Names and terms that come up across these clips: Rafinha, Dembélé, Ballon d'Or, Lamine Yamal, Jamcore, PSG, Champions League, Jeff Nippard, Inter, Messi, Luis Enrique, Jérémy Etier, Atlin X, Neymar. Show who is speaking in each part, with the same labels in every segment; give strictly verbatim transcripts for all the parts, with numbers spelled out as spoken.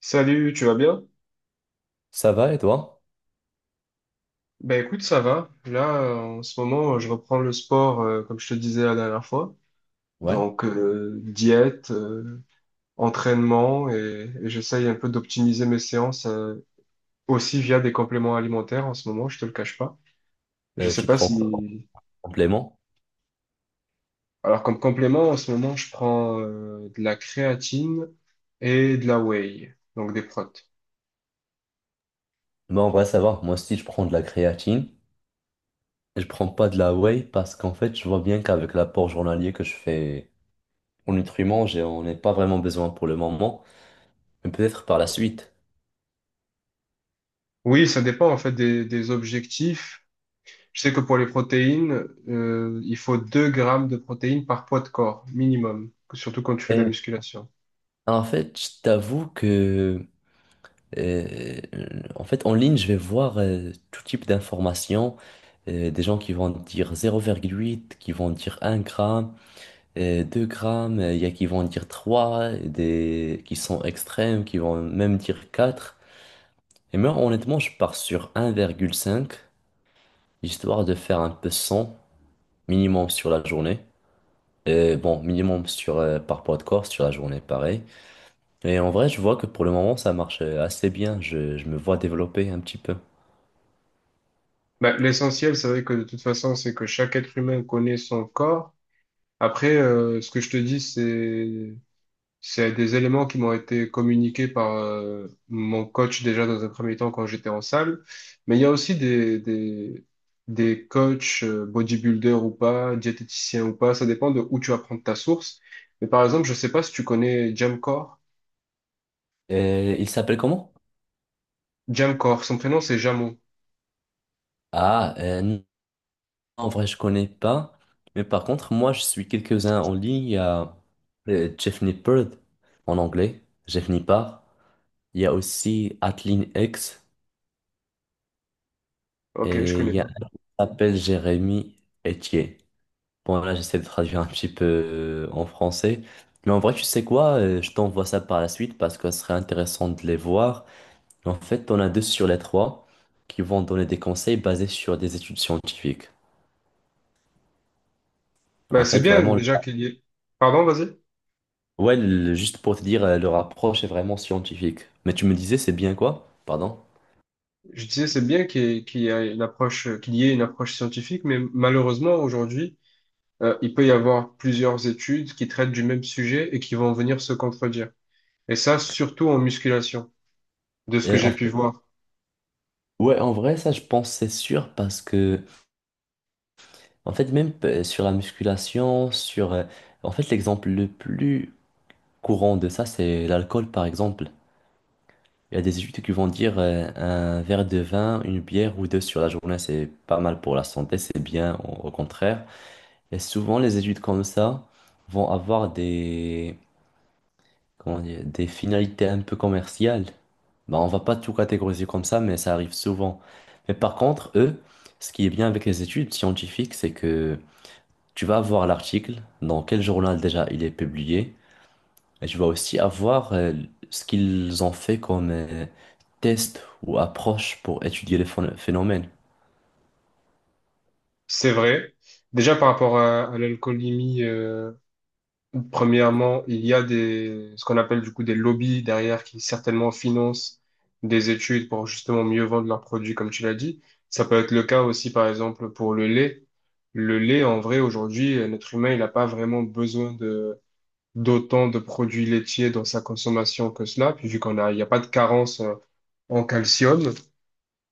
Speaker 1: Salut, tu vas bien?
Speaker 2: Ça va et toi?
Speaker 1: Ben écoute, ça va. Là, euh, en ce moment, euh, je reprends le sport, euh, comme je te disais la dernière fois.
Speaker 2: Ouais.
Speaker 1: Donc, euh, diète, euh, entraînement, et, et j'essaye un peu d'optimiser mes séances, euh, aussi via des compléments alimentaires en ce moment, je te le cache pas. Je
Speaker 2: Euh,
Speaker 1: sais
Speaker 2: tu
Speaker 1: pas
Speaker 2: prends quoi comme
Speaker 1: si...
Speaker 2: complément?
Speaker 1: Alors, comme complément, en ce moment, je prends, euh, de la créatine et de la whey, donc des protes.
Speaker 2: Moi, en vrai, ça va. Moi aussi, je prends de la créatine. Je prends pas de la whey parce qu'en fait, je vois bien qu'avec l'apport journalier que je fais en nutriments, j'ai- on n'est pas vraiment besoin pour le moment, mais peut-être par la suite.
Speaker 1: Oui, ça dépend en fait des, des objectifs. Je sais que pour les protéines, euh, il faut deux grammes de protéines par poids de corps, minimum, surtout quand tu fais de la
Speaker 2: Et
Speaker 1: musculation.
Speaker 2: en fait, je t'avoue que, euh, en fait, en ligne, je vais voir euh, tout type d'informations. Euh, des gens qui vont dire zéro virgule huit, qui vont dire un gramme. euh, deux grammes, il y a qui vont dire trois, des qui sont extrêmes, qui vont même dire quatre. Et moi, honnêtement, je pars sur un virgule cinq, histoire de faire un peu cent minimum sur la journée. Et bon, minimum sur, euh, par poids de corps sur la journée, pareil. Et en vrai, je vois que pour le moment, ça marche euh, assez bien. Je, je me vois développer un petit peu.
Speaker 1: Bah, l'essentiel, c'est vrai que de toute façon, c'est que chaque être humain connaît son corps. Après, euh, ce que je te dis, c'est, c'est des éléments qui m'ont été communiqués par euh, mon coach déjà dans un premier temps quand j'étais en salle. Mais il y a aussi des, des, des coachs, euh, bodybuilders ou pas, diététiciens ou pas, ça dépend de où tu vas prendre ta source. Mais par exemple, je sais pas si tu connais Jamcore.
Speaker 2: Euh, il s'appelle comment?
Speaker 1: Jamcor, son prénom c'est Jamo.
Speaker 2: Ah, euh, En vrai, je connais pas. Mais par contre, moi, je suis quelques-uns en ligne. Il y a euh, Jeff Nippard en anglais, Jeff Nippard. Il y a aussi Atlin X
Speaker 1: Ok, je
Speaker 2: et il
Speaker 1: connais
Speaker 2: y a
Speaker 1: pas.
Speaker 2: un qui s'appelle Jérémy Etier. Bon, là, j'essaie de traduire un petit peu euh, en français. Mais en vrai, tu sais quoi? euh, Je t'envoie ça par la suite parce que ce serait intéressant de les voir. En fait, on a deux sur les trois qui vont donner des conseils basés sur des études scientifiques.
Speaker 1: Bah,
Speaker 2: En
Speaker 1: c'est
Speaker 2: fait,
Speaker 1: bien
Speaker 2: vraiment.
Speaker 1: déjà qu'il y ait. Pardon, vas-y.
Speaker 2: Ouais, le- juste pour te dire, euh, leur approche est vraiment scientifique. Mais tu me disais, c'est bien quoi? Pardon?
Speaker 1: Je disais, c'est bien qu'il y ait, qu'il y ait une approche, euh, qu'il y ait une approche scientifique, mais malheureusement aujourd'hui, euh, il peut y avoir plusieurs études qui traitent du même sujet et qui vont venir se contredire. Et ça, surtout en musculation, de ce que
Speaker 2: Et en
Speaker 1: j'ai pu
Speaker 2: fait-
Speaker 1: voir.
Speaker 2: ouais, en vrai, ça, je pense, c'est sûr, parce que, en fait, même euh, sur la musculation, sur. Euh, En fait, l'exemple le plus courant de ça, c'est l'alcool, par exemple. Il y a des études qui vont dire euh, un verre de vin, une bière ou deux sur la journée, c'est pas mal pour la santé, c'est bien, au au contraire. Et souvent, les études comme ça vont avoir des, comment dire, des finalités un peu commerciales. Bah, on va pas tout catégoriser comme ça, mais ça arrive souvent. Mais par contre, eux, ce qui est bien avec les études scientifiques, c'est que tu vas avoir l'article, dans quel journal déjà il est publié, et tu vas aussi avoir euh, ce qu'ils ont fait comme euh, test ou approche pour étudier les phon- phénomènes.
Speaker 1: C'est vrai. Déjà par rapport à, à l'alcoolémie, euh, Premièrement, il y a des, ce qu'on appelle du coup des lobbies derrière qui certainement financent des études pour justement mieux vendre leurs produits, comme tu l'as dit. Ça peut être le cas aussi, par exemple, pour le lait. Le lait, en vrai, aujourd'hui, euh, l'être humain, il n'a pas vraiment besoin de, d'autant de produits laitiers dans sa consommation que cela, puis vu qu'on a, il n'y a pas de carence euh, en calcium.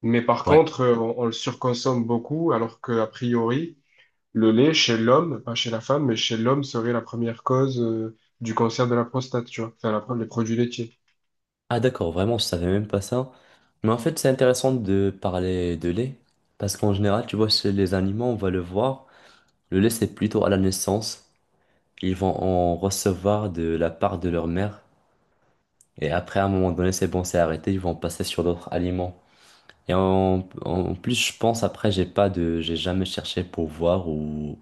Speaker 1: Mais par
Speaker 2: Ouais.
Speaker 1: contre, euh, on, on le surconsomme beaucoup, alors que, a priori, le lait, chez l'homme, pas chez la femme, mais chez l'homme serait la première cause euh, du cancer de la prostate, tu vois, enfin, la pro- les produits laitiers.
Speaker 2: Ah d'accord, vraiment, je savais même pas ça. Mais en fait, c'est intéressant de parler de lait, parce qu'en général, tu vois, chez les animaux, on va le voir. Le lait, c'est plutôt à la naissance. Ils vont en recevoir de la part de leur mère. Et après, à un moment donné, c'est bon, c'est arrêté. Ils vont passer sur d'autres aliments. Et en, en plus, je pense, après, j'ai pas de, j'ai jamais cherché pour voir, ou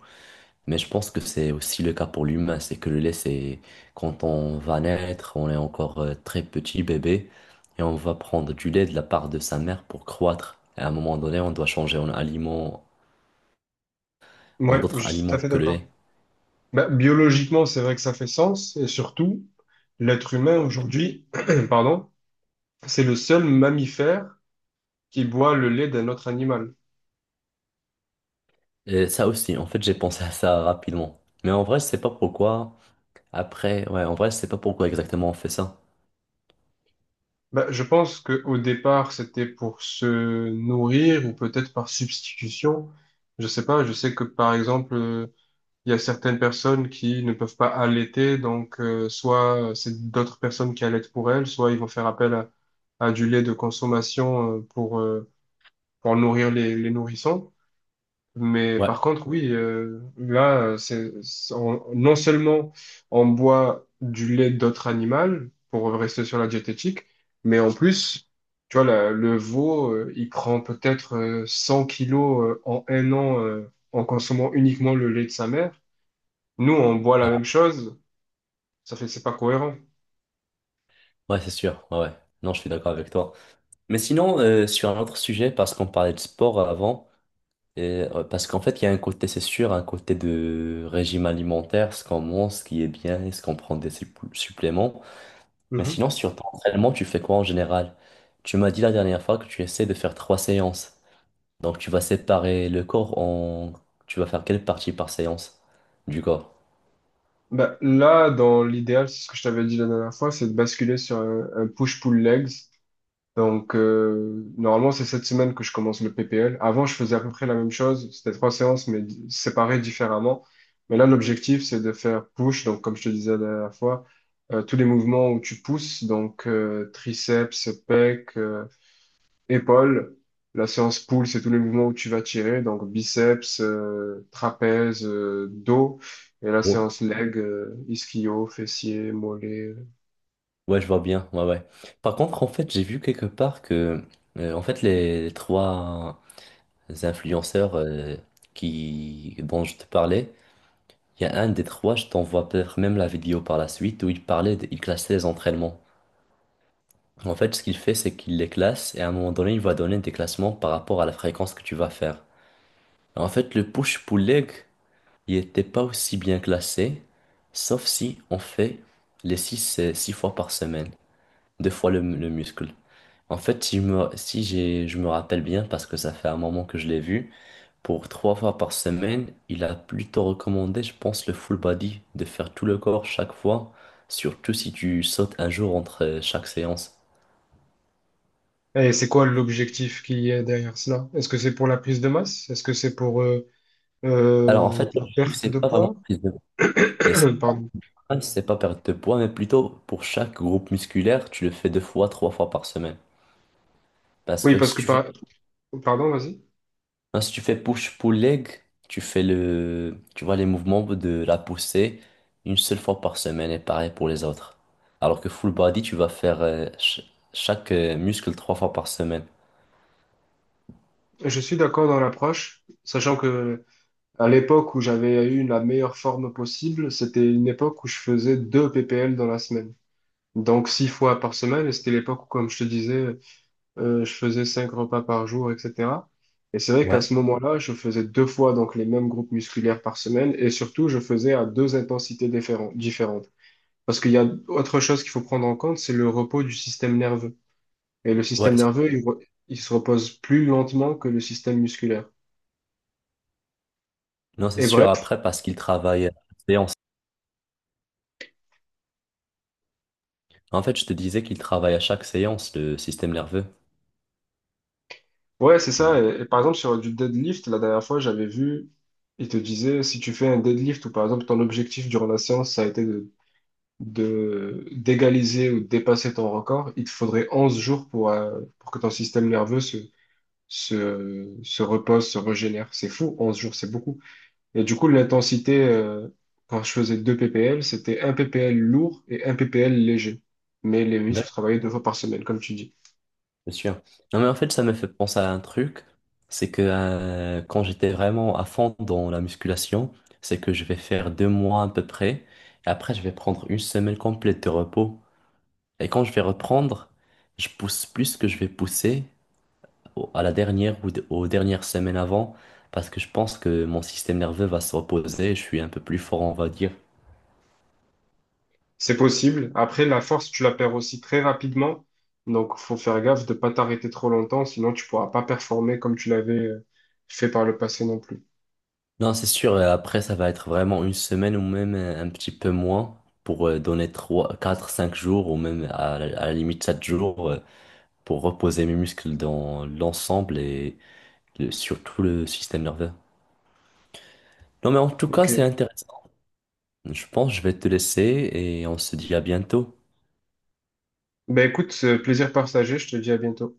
Speaker 2: mais je pense que c'est aussi le cas pour l'humain. C'est que le lait, c'est quand on va naître, on est encore euh, très petit bébé et on va prendre du lait de la part de sa mère pour croître. Et à un moment donné, on doit changer en aliment, en
Speaker 1: Ouais,
Speaker 2: d'autres
Speaker 1: je suis tout à
Speaker 2: aliments
Speaker 1: fait
Speaker 2: que le
Speaker 1: d'accord.
Speaker 2: lait.
Speaker 1: Bah, biologiquement, c'est vrai que ça fait sens, et surtout, l'être humain aujourd'hui, pardon, c'est le seul mammifère qui boit le lait d'un autre animal.
Speaker 2: Et ça aussi, en fait, j'ai pensé à ça rapidement. Mais en vrai, je sais pas pourquoi. Après, ouais, en vrai, je sais pas pourquoi exactement on fait ça.
Speaker 1: Bah, je pense que au départ, c'était pour se nourrir ou peut-être par substitution. Je sais pas, je sais que par exemple, euh, il y a certaines personnes qui ne peuvent pas allaiter, donc euh, soit c'est d'autres personnes qui allaitent pour elles, soit ils vont faire appel à, à du lait de consommation euh, pour, euh, pour nourrir les, les nourrissons. Mais
Speaker 2: Ouais.
Speaker 1: par contre, oui, euh, là, euh, c'est, c'est- on- non seulement on boit du lait d'autres animaux pour rester sur la diététique, mais en plus, tu vois, la- le veau, euh, il prend peut-être euh, 100 kilos euh, en un an euh, en consommant uniquement le lait de sa mère. Nous, on boit la
Speaker 2: Ah,
Speaker 1: même chose, ça fait que c'est pas cohérent.
Speaker 2: ouais, c'est sûr. Ouais, ouais. Non, je suis d'accord avec toi. Mais sinon, euh, sur un autre sujet, parce qu'on parlait de sport avant, et, euh, parce qu'en fait, il y a un côté, c'est sûr, un côté de régime alimentaire, ce qu'on mange, ce qui est bien, est-ce qu'on prend des supplé- suppléments. Mais
Speaker 1: Mhm.
Speaker 2: sinon, sur ton entraînement, tu fais quoi en général? Tu m'as dit la dernière fois que tu essaies de faire trois séances. Donc tu vas séparer le corps en… Tu vas faire quelle partie par séance du corps?
Speaker 1: Bah, là, dans l'idéal, c'est ce que je t'avais dit la dernière fois, c'est de basculer sur un, un push-pull legs. Donc, euh, normalement, c'est cette semaine que je commence le P P L. Avant, je faisais à peu près la même chose. C'était trois séances, mais di- séparées différemment. Mais là, l'objectif, c'est de faire push. Donc, comme je te disais la dernière fois, euh, tous les mouvements où tu pousses, donc euh, triceps, pecs, épaules. La séance pull, c'est tous les mouvements où tu vas tirer, donc biceps, euh, trapèze, euh, dos. Et la
Speaker 2: Oh.
Speaker 1: séance leg, euh, ischio, fessier, mollet.
Speaker 2: Ouais, je vois bien. Ouais, ouais. Par contre, en fait, j'ai vu quelque part que, euh, en fait, les trois influenceurs euh, qui… dont je te parlais, il y a un des trois, je t'envoie peut-être même la vidéo par la suite, où il parlait, de- il classait les entraînements. En fait, ce qu'il fait, c'est qu'il les classe et à un moment donné, il va donner des classements par rapport à la fréquence que tu vas faire. En fait, le push-pull leg, il n'était pas aussi bien classé, sauf si on fait les 6 six fois par semaine, deux fois le, le muscle. En fait, si, je me, si j'ai, je me rappelle bien, parce que ça fait un moment que je l'ai vu, pour trois fois par semaine, il a plutôt recommandé, je pense, le full body, de faire tout le corps chaque fois, surtout si tu sautes un jour entre euh, chaque séance.
Speaker 1: Et c'est quoi l'objectif qui est derrière cela? Est-ce que c'est pour la prise de masse? Est-ce que c'est pour euh,
Speaker 2: Alors en
Speaker 1: euh,
Speaker 2: fait,
Speaker 1: de la
Speaker 2: l'objectif,
Speaker 1: perte
Speaker 2: c'est
Speaker 1: de
Speaker 2: pas vraiment
Speaker 1: poids?
Speaker 2: prise de, et c'est
Speaker 1: Pardon.
Speaker 2: pas c'est pas perdre de poids, mais plutôt pour chaque groupe musculaire, tu le fais deux fois, trois fois par semaine. Parce
Speaker 1: Oui,
Speaker 2: que
Speaker 1: parce
Speaker 2: si
Speaker 1: que
Speaker 2: tu fais…
Speaker 1: par- pardon, vas-y.
Speaker 2: Non, si tu fais push-pull-leg, tu fais le, tu vois les mouvements de la poussée une seule fois par semaine et pareil pour les autres. Alors que full body, tu vas faire euh, ch- chaque euh, muscle trois fois par semaine.
Speaker 1: Je suis d'accord dans l'approche, sachant que à l'époque où j'avais eu la meilleure forme possible, c'était une époque où je faisais deux P P L dans la semaine. Donc six fois par semaine, et c'était l'époque où, comme je te disais, euh, je faisais cinq repas par jour, et cetera. Et c'est vrai qu'à
Speaker 2: Ouais.
Speaker 1: ce moment-là, je faisais deux fois donc les mêmes groupes musculaires par semaine, et surtout, je faisais à deux intensités différen- différentes. Parce qu'il y a autre chose qu'il faut prendre en compte, c'est le repos du système nerveux. Et le
Speaker 2: Ouais,
Speaker 1: système
Speaker 2: c'est-
Speaker 1: nerveux, il, re- il se repose plus lentement que le système musculaire.
Speaker 2: non, c'est
Speaker 1: Et
Speaker 2: sûr,
Speaker 1: bref,
Speaker 2: après, parce qu'il travaille à chaque séance. En fait, je te disais qu'il travaille à chaque séance, le système nerveux.
Speaker 1: ouais, c'est
Speaker 2: Hmm.
Speaker 1: ça. Et, et par exemple, sur du deadlift, la dernière fois, j'avais vu, il te disait, si tu fais un deadlift, ou par exemple, ton objectif durant la séance, ça a été de de d'égaliser ou de dépasser ton record, il te faudrait onze jours pour, euh, pour que ton système nerveux se, se, se repose, se régénère. C'est fou, onze jours, c'est beaucoup. Et du coup, l'intensité, euh, quand je faisais deux ppl, c'était un ppl lourd et un ppl léger. Mais les muscles travaillaient deux fois par semaine, comme tu dis.
Speaker 2: Bien sûr. Non, mais en fait, ça me fait penser à un truc, c'est que euh, quand j'étais vraiment à fond dans la musculation, c'est que je vais faire deux mois à peu près, et après, je vais prendre une semaine complète de repos. Et quand je vais reprendre, je pousse plus que je vais pousser au- à la dernière ou d- aux dernières semaines avant, parce que je pense que mon système nerveux va se reposer, je suis un peu plus fort, on va dire.
Speaker 1: C'est possible. Après, la force, tu la perds aussi très rapidement. Donc, faut faire gaffe de pas t'arrêter trop longtemps, sinon tu pourras pas performer comme tu l'avais euh, fait par le passé non plus.
Speaker 2: Non, c'est sûr, et après, ça va être vraiment une semaine ou même euh, un petit peu moins, pour euh, donner trois quatre cinq jours ou même à, la à la limite sept jours, euh, pour reposer mes muscles dans l'ensemble et le- surtout le système nerveux. Non, mais en tout cas,
Speaker 1: Ok.
Speaker 2: c'est intéressant. Je pense que je vais te laisser et on se dit à bientôt.
Speaker 1: Ben écoute, euh, plaisir partagé, je te dis à bientôt.